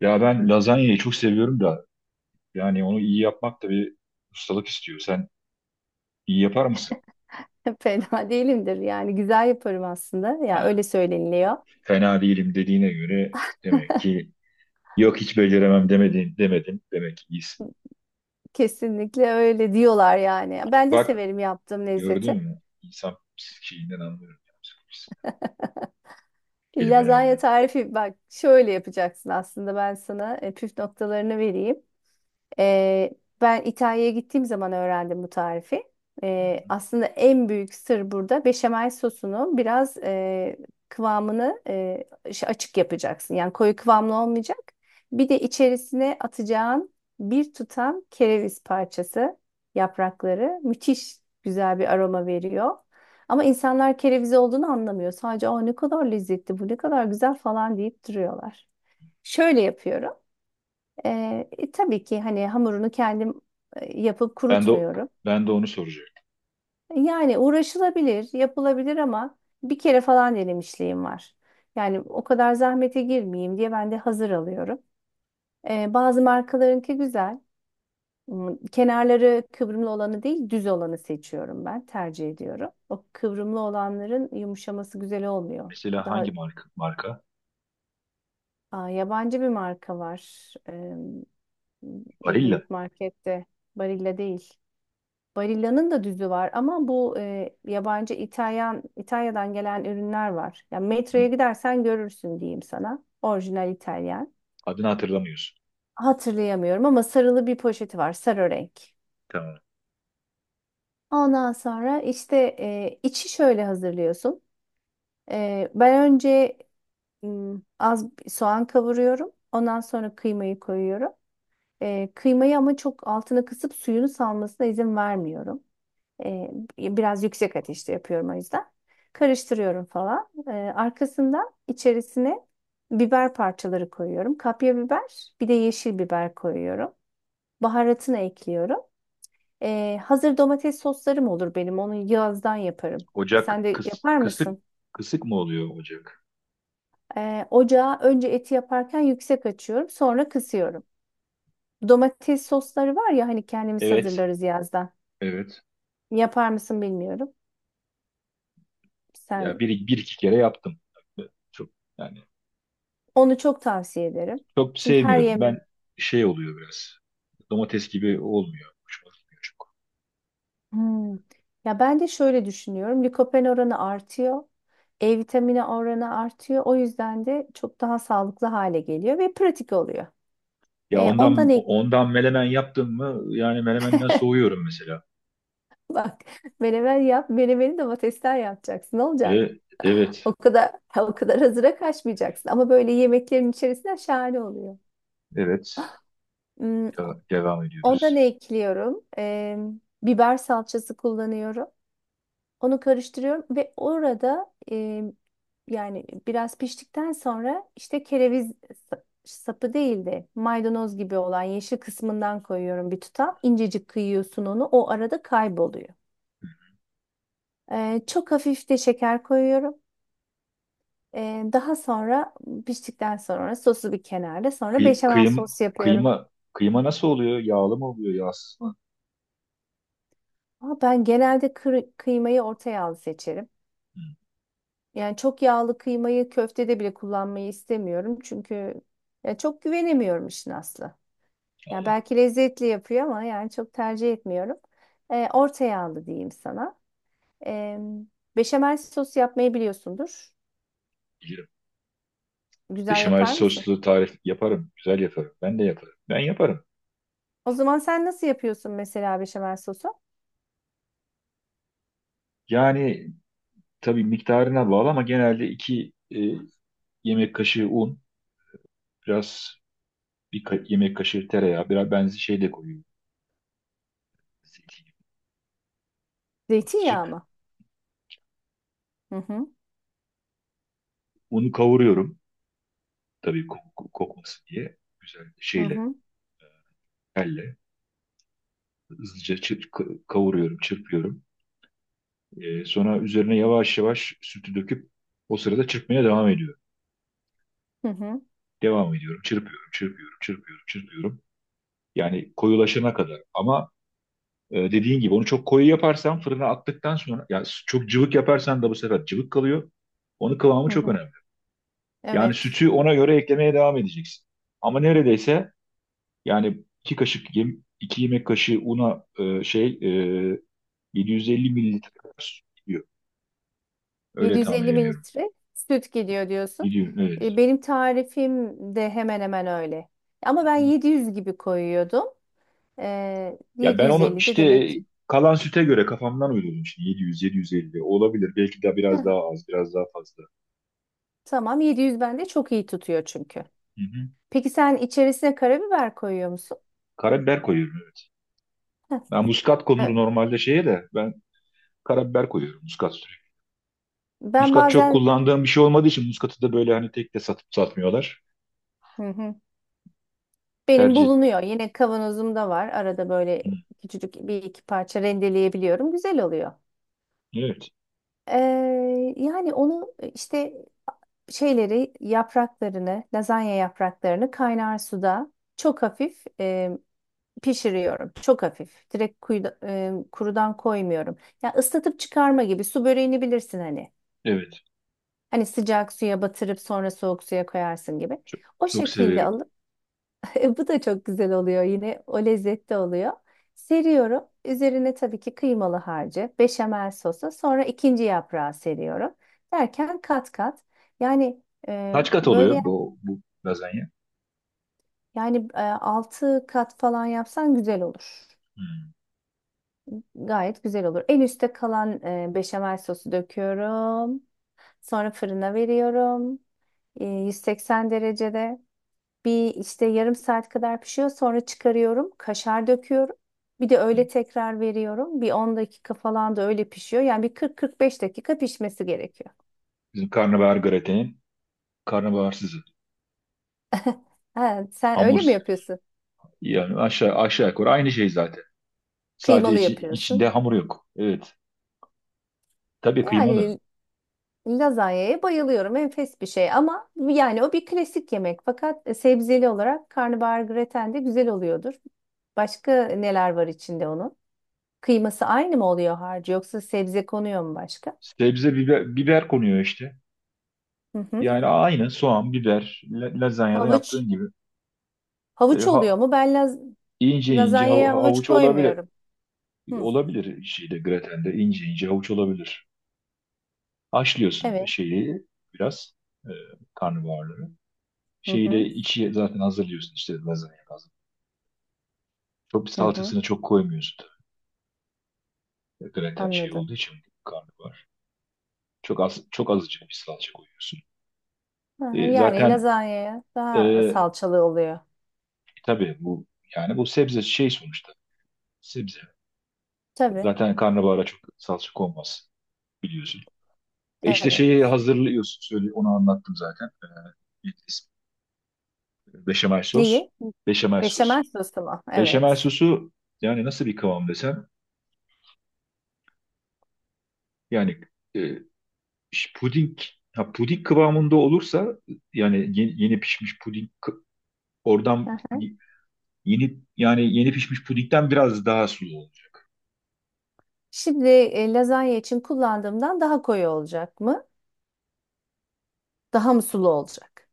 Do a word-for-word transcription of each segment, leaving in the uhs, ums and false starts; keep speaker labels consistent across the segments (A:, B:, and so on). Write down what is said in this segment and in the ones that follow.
A: Ya ben lazanyayı çok seviyorum da yani onu iyi yapmak da bir ustalık istiyor. Sen iyi yapar mısın?
B: Fena değilimdir, yani güzel yaparım aslında, ya
A: Ha,
B: öyle söyleniliyor.
A: Fena değilim dediğine göre demek ki yok hiç beceremem demedin demedin demek ki iyisin.
B: Kesinlikle öyle diyorlar yani. Ben de
A: Bak
B: severim yaptığım lezzeti.
A: gördün mü? İnsan psikiğinden anlıyorum. Ya, psikolojisinden, kelimelerde.
B: Lazanya
A: Hı
B: tarifi, bak şöyle yapacaksın, aslında ben sana e, püf noktalarını vereyim. Ee, Ben İtalya'ya gittiğim zaman öğrendim bu tarifi.
A: hı.
B: Ee, aslında en büyük sır burada, beşamel sosunu biraz e, kıvamını e, şey, açık yapacaksın. Yani koyu kıvamlı olmayacak. Bir de içerisine atacağın bir tutam kereviz parçası, yaprakları müthiş güzel bir aroma veriyor. Ama insanlar kereviz olduğunu anlamıyor. Sadece o ne kadar lezzetli, bu ne kadar güzel falan deyip duruyorlar. Şöyle yapıyorum. Ee, e, tabii ki hani hamurunu kendim e, yapıp
A: Ben de
B: kurutmuyorum.
A: ben de onu soracaktım.
B: Yani uğraşılabilir, yapılabilir ama bir kere falan denemişliğim var. Yani o kadar zahmete girmeyeyim diye ben de hazır alıyorum. Ee, bazı markalarınki güzel. Hmm, kenarları kıvrımlı olanı değil, düz olanı seçiyorum ben, tercih ediyorum. O kıvrımlı olanların yumuşaması güzel olmuyor.
A: Mesela
B: Daha,
A: hangi marka? Marka?
B: aa, yabancı bir marka var. Ee, bir
A: Barilla.
B: büyük markette. Barilla değil. Barilla'nın da düzü var ama bu e, yabancı İtalyan, İtalya'dan gelen ürünler var. Yani
A: Hı.
B: metroya gidersen görürsün, diyeyim sana. Orijinal İtalyan.
A: Adını hatırlamıyorsun.
B: Hatırlayamıyorum ama sarılı bir poşeti var, sarı renk.
A: Tamam.
B: Ondan sonra işte e, içi şöyle hazırlıyorsun. E, ben önce m, az bir soğan kavuruyorum. Ondan sonra kıymayı koyuyorum. E, kıymayı ama çok altına kısıp suyunu salmasına izin vermiyorum. E, Biraz yüksek ateşte yapıyorum o yüzden. Karıştırıyorum falan. E, arkasından içerisine biber parçaları koyuyorum. Kapya biber, bir de yeşil biber koyuyorum. Baharatını ekliyorum. E, hazır domates soslarım olur benim. Onu yazdan yaparım.
A: Ocak
B: Sen de
A: kıs,
B: yapar
A: kısık,
B: mısın?
A: kısık mı oluyor ocak?
B: E, ocağa önce eti yaparken yüksek açıyorum, sonra kısıyorum. Domates sosları var ya, hani kendimiz
A: Evet.
B: hazırlarız yazdan.
A: Evet.
B: Yapar mısın bilmiyorum.
A: Ya
B: Sen
A: bir, bir iki kere yaptım. Çok yani
B: onu çok tavsiye ederim.
A: çok
B: Çünkü her
A: sevmiyorum. Ben
B: yemek.
A: şey oluyor biraz. Domates gibi olmuyor. Hoşuma gitmiyor çok.
B: Hmm. Ya ben de şöyle düşünüyorum. Likopen oranı artıyor. E vitamini oranı artıyor. O yüzden de çok daha sağlıklı hale geliyor ve pratik oluyor.
A: Ya
B: E, ondan
A: ondan
B: ek
A: ondan melemen yaptım mı? Yani melemenden soğuyorum mesela.
B: Bak, menemen yap. Menemeni domatesler yapacaksın. Ne olacak?
A: E, evet.
B: O kadar, o kadar hazıra kaçmayacaksın. Ama böyle yemeklerin içerisinden şahane oluyor.
A: Evet.
B: Hmm,
A: Ya, devam
B: ondan
A: ediyoruz.
B: ekliyorum. E, biber salçası kullanıyorum. Onu karıştırıyorum ve orada e, yani biraz piştikten sonra, işte kereviz sa- sapı değil de maydanoz gibi olan yeşil kısmından koyuyorum bir tutam. İncecik kıyıyorsun onu. O arada kayboluyor. E, çok hafif de şeker koyuyorum. E, daha sonra piştikten sonra sosu bir kenarda. Sonra
A: Kıy-
B: beşamel
A: kıyım
B: sos yapıyorum.
A: kıyma kıyma nasıl oluyor? Yağlı mı oluyor, yağsız mı?
B: Ama ben genelde kır- kıymayı orta yağlı seçerim.
A: Hı,
B: Yani çok yağlı kıymayı köftede bile kullanmayı istemiyorum. Çünkü ya çok güvenemiyorum, işin aslı. Yani
A: anladım.
B: belki lezzetli yapıyor ama yani çok tercih etmiyorum. Ee, orta yağlı diyeyim sana. Ee, Beşamel sosu yapmayı biliyorsundur.
A: Bilirim.
B: Güzel
A: Beşamel
B: yapar mısın?
A: soslu tarif yaparım. Güzel yaparım. Ben de yaparım. Ben yaparım.
B: O zaman sen nasıl yapıyorsun mesela beşamel sosu?
A: Yani tabii miktarına bağlı ama genelde iki e, yemek kaşığı un, biraz bir ka- yemek kaşığı tereyağı, biraz benzi şey de koyuyorum. Zeytinyağı
B: Zeytinyağı
A: azıcık.
B: mı? Hı hı.
A: Unu kavuruyorum. Tabii ko- kokmasın diye. Güzel
B: Hı
A: şeyle,
B: hı,
A: elle. Hızlıca çır- ka- kavuruyorum, çırpıyorum. Ee, sonra üzerine yavaş yavaş sütü döküp o sırada çırpmaya devam ediyorum.
B: hı hı,
A: Devam ediyorum, çırpıyorum, çırpıyorum, çırpıyorum, çırpıyorum. Yani koyulaşana kadar. Ama e, dediğin gibi onu çok koyu yaparsan fırına attıktan sonra, ya çok cıvık yaparsan da bu sefer cıvık kalıyor. Onun kıvamı
B: hı
A: çok
B: hı.
A: önemli. Yani
B: Evet.
A: sütü ona göre eklemeye devam edeceksin. Ama neredeyse yani iki kaşık yem, iki yemek kaşığı una e, şey e, yedi yüz elli mililitre kadar süt gidiyor. Öyle tahmin
B: yedi yüz elli
A: ediyorum.
B: mililitre süt gidiyor diyorsun.
A: Gidiyor evet.
B: E, Benim tarifim de hemen hemen öyle. Ama ben
A: Hı.
B: yedi yüz gibi koyuyordum. E,
A: Ya ben onu
B: yedi yüz elli de
A: işte
B: demek
A: e,
B: ki.
A: kalan süte göre kafamdan uydurdum şimdi yedi yüz, yedi yüz elli olabilir. Belki de biraz
B: Heh,
A: daha az, biraz daha fazla.
B: tamam, yedi yüz bende çok iyi tutuyor çünkü.
A: Hı hı.
B: Peki sen içerisine karabiber koyuyor musun?
A: Karabiber koyuyorum evet.
B: Heh,
A: Ben muskat konur
B: e,
A: normalde şeye de ben karabiber koyuyorum muskat sürüyorum.
B: ben
A: Muskat çok
B: bazen.
A: kullandığım bir şey olmadığı için muskatı da böyle hani tek de satıp satmıyorlar
B: Hı hı. Benim
A: tercih.
B: bulunuyor. Yine kavanozumda var. Arada böyle
A: Hı,
B: küçücük bir iki parça rendeleyebiliyorum. Güzel oluyor.
A: evet,
B: Ee, yani onu işte şeyleri yapraklarını, lazanya yapraklarını kaynar suda çok hafif e, pişiriyorum. Çok hafif. Direkt kuyuda- e, kurudan koymuyorum. Ya ıslatıp çıkarma gibi, su böreğini bilirsin hani.
A: evet.
B: Hani sıcak suya batırıp sonra soğuk suya koyarsın gibi.
A: Çok,
B: O
A: çok
B: şekilde
A: severim.
B: alıp bu da çok güzel oluyor, yine o lezzette oluyor. Seriyorum. Üzerine tabii ki kıymalı harcı, beşamel sosu, sonra ikinci yaprağı seriyorum. Derken kat kat. Yani e,
A: Kaç kat oluyor
B: böyle
A: bu, bu lazanya?
B: Yani altı kat falan yapsan güzel olur.
A: Hı.
B: Gayet güzel olur. En üstte kalan e, beşamel sosu döküyorum. Sonra fırına veriyorum. E, yüz seksen derecede bir işte yarım saat kadar pişiyor. Sonra çıkarıyorum. Kaşar döküyorum. Bir de öyle tekrar veriyorum. Bir on dakika falan da öyle pişiyor. Yani bir kırk kırk beş dakika pişmesi gerekiyor.
A: Bizim karnabahar gratenin karnabaharsızı.
B: Ha, sen öyle mi
A: Hamur.
B: yapıyorsun?
A: Yani aşağı aşağı yukarı aynı şey zaten. Sadece
B: Kıymalı
A: içi-
B: yapıyorsun.
A: içinde hamur yok. Evet. Tabii kıymalı.
B: Yani lazanyaya bayılıyorum. Enfes bir şey ama yani o bir klasik yemek. Fakat e, sebzeli olarak karnabahar graten de güzel oluyordur. Başka neler var içinde onun? Kıyması aynı mı oluyor harcı, yoksa sebze konuyor mu başka?
A: Sebze biber, biber konuyor işte.
B: Hı hı.
A: Yani aynı soğan, biber, la- lazanyada yaptığın
B: Havuç.
A: gibi. E,
B: Havuç
A: ha,
B: oluyor mu? Ben laz
A: ince ince hav-
B: Lazanyaya havuç
A: havuç olabilir.
B: koymuyorum. Hı.
A: Olabilir şeyde gratende ince ince havuç olabilir. Haşlıyorsun
B: Evet.
A: şeyi biraz. e, Karnabaharları.
B: Hı
A: Şeyi de
B: hı.
A: içi zaten hazırlıyorsun işte lazanya lazım. Çok bir
B: Hı hı.
A: salçasını çok koymuyorsun tabii. Graten şey
B: Anladım.
A: olduğu için karnabahar. Çok az çok azıcık bir salça koyuyorsun.
B: Hı hı.
A: E,
B: Yani
A: zaten
B: lazanyaya
A: e,
B: daha salçalı oluyor.
A: tabii bu yani bu sebze şey sonuçta sebze.
B: Tabii.
A: Zaten karnabahara çok salça konmaz biliyorsun. E işte şeyi
B: Evet.
A: hazırlıyorsun söyle onu anlattım zaten. E, beşamel sos.
B: Neyi?
A: Beşamel sos.
B: Beşamel sosu mu?
A: Beşamel
B: Evet.
A: sosu yani nasıl bir kıvam desem yani e, Ş- puding, ya puding kıvamında olursa yani yeni, yeni pişmiş puding kı- oradan yeni yani yeni pişmiş pudingden biraz daha sulu olacak.
B: Şimdi e, lazanya için kullandığımdan daha koyu olacak mı? Daha mı sulu olacak?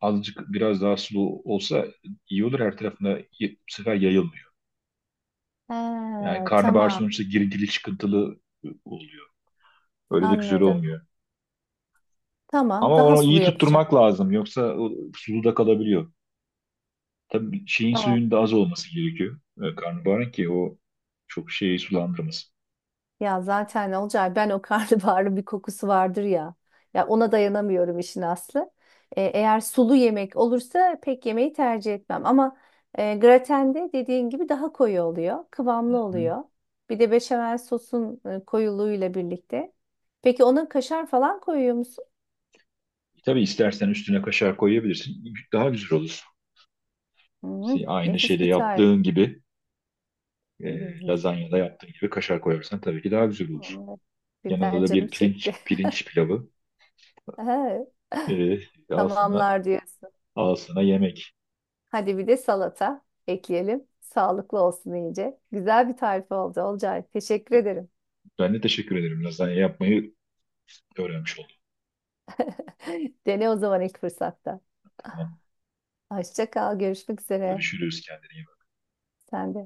A: Azıcık biraz daha sulu olsa iyi olur her tarafına y- bu sefer yayılmıyor. Yani
B: Ha,
A: karnabahar
B: tamam,
A: sonuçta girintili çıkıntılı e, oluyor. Öyle de güzel
B: anladım.
A: olmuyor.
B: Tamam,
A: Ama
B: daha
A: onu iyi
B: sulu yapacağım.
A: tutturmak lazım yoksa o sulu da kalabiliyor. Tabii şeyin
B: Tamam.
A: suyun da az olması gerekiyor. e, Karnabaharın ki o çok şeyi sulandırmasın.
B: Ya zaten ne olacak. Ben o karnabaharın bir kokusu vardır ya. Ya ona dayanamıyorum, işin aslı. E, eğer sulu yemek olursa pek yemeği tercih etmem. Ama e, gratende dediğin gibi daha koyu oluyor. Kıvamlı oluyor. Bir de beşamel sosun e, koyuluğuyla birlikte. Peki ona kaşar falan koyuyor musun?
A: Tabii istersen üstüne kaşar koyabilirsin. Daha güzel olur. Şey,
B: Hı,
A: aynı
B: nefis
A: şeyde
B: bir tarif.
A: yaptığın gibi
B: Hı
A: e,
B: hı,
A: lazanyada yaptığın gibi kaşar koyarsan tabii ki daha güzel olur.
B: tamamdır.
A: Yanında
B: Birden
A: da
B: canım
A: bir
B: çekti.
A: pirinç pirinç pilavı
B: Aha,
A: e, al sana,
B: tamamlar diyorsun.
A: al sana yemek.
B: Hadi bir de salata ekleyelim. Sağlıklı olsun iyice. Güzel bir tarif oldu Olcay. Teşekkür ederim.
A: Ben de teşekkür ederim. Lazanya yapmayı öğrenmiş oldum.
B: Dene o zaman ilk fırsatta.
A: Tamam.
B: Hoşça kal. Görüşmek üzere.
A: Görüşürüz. Kendine iyi bak.
B: Sen de.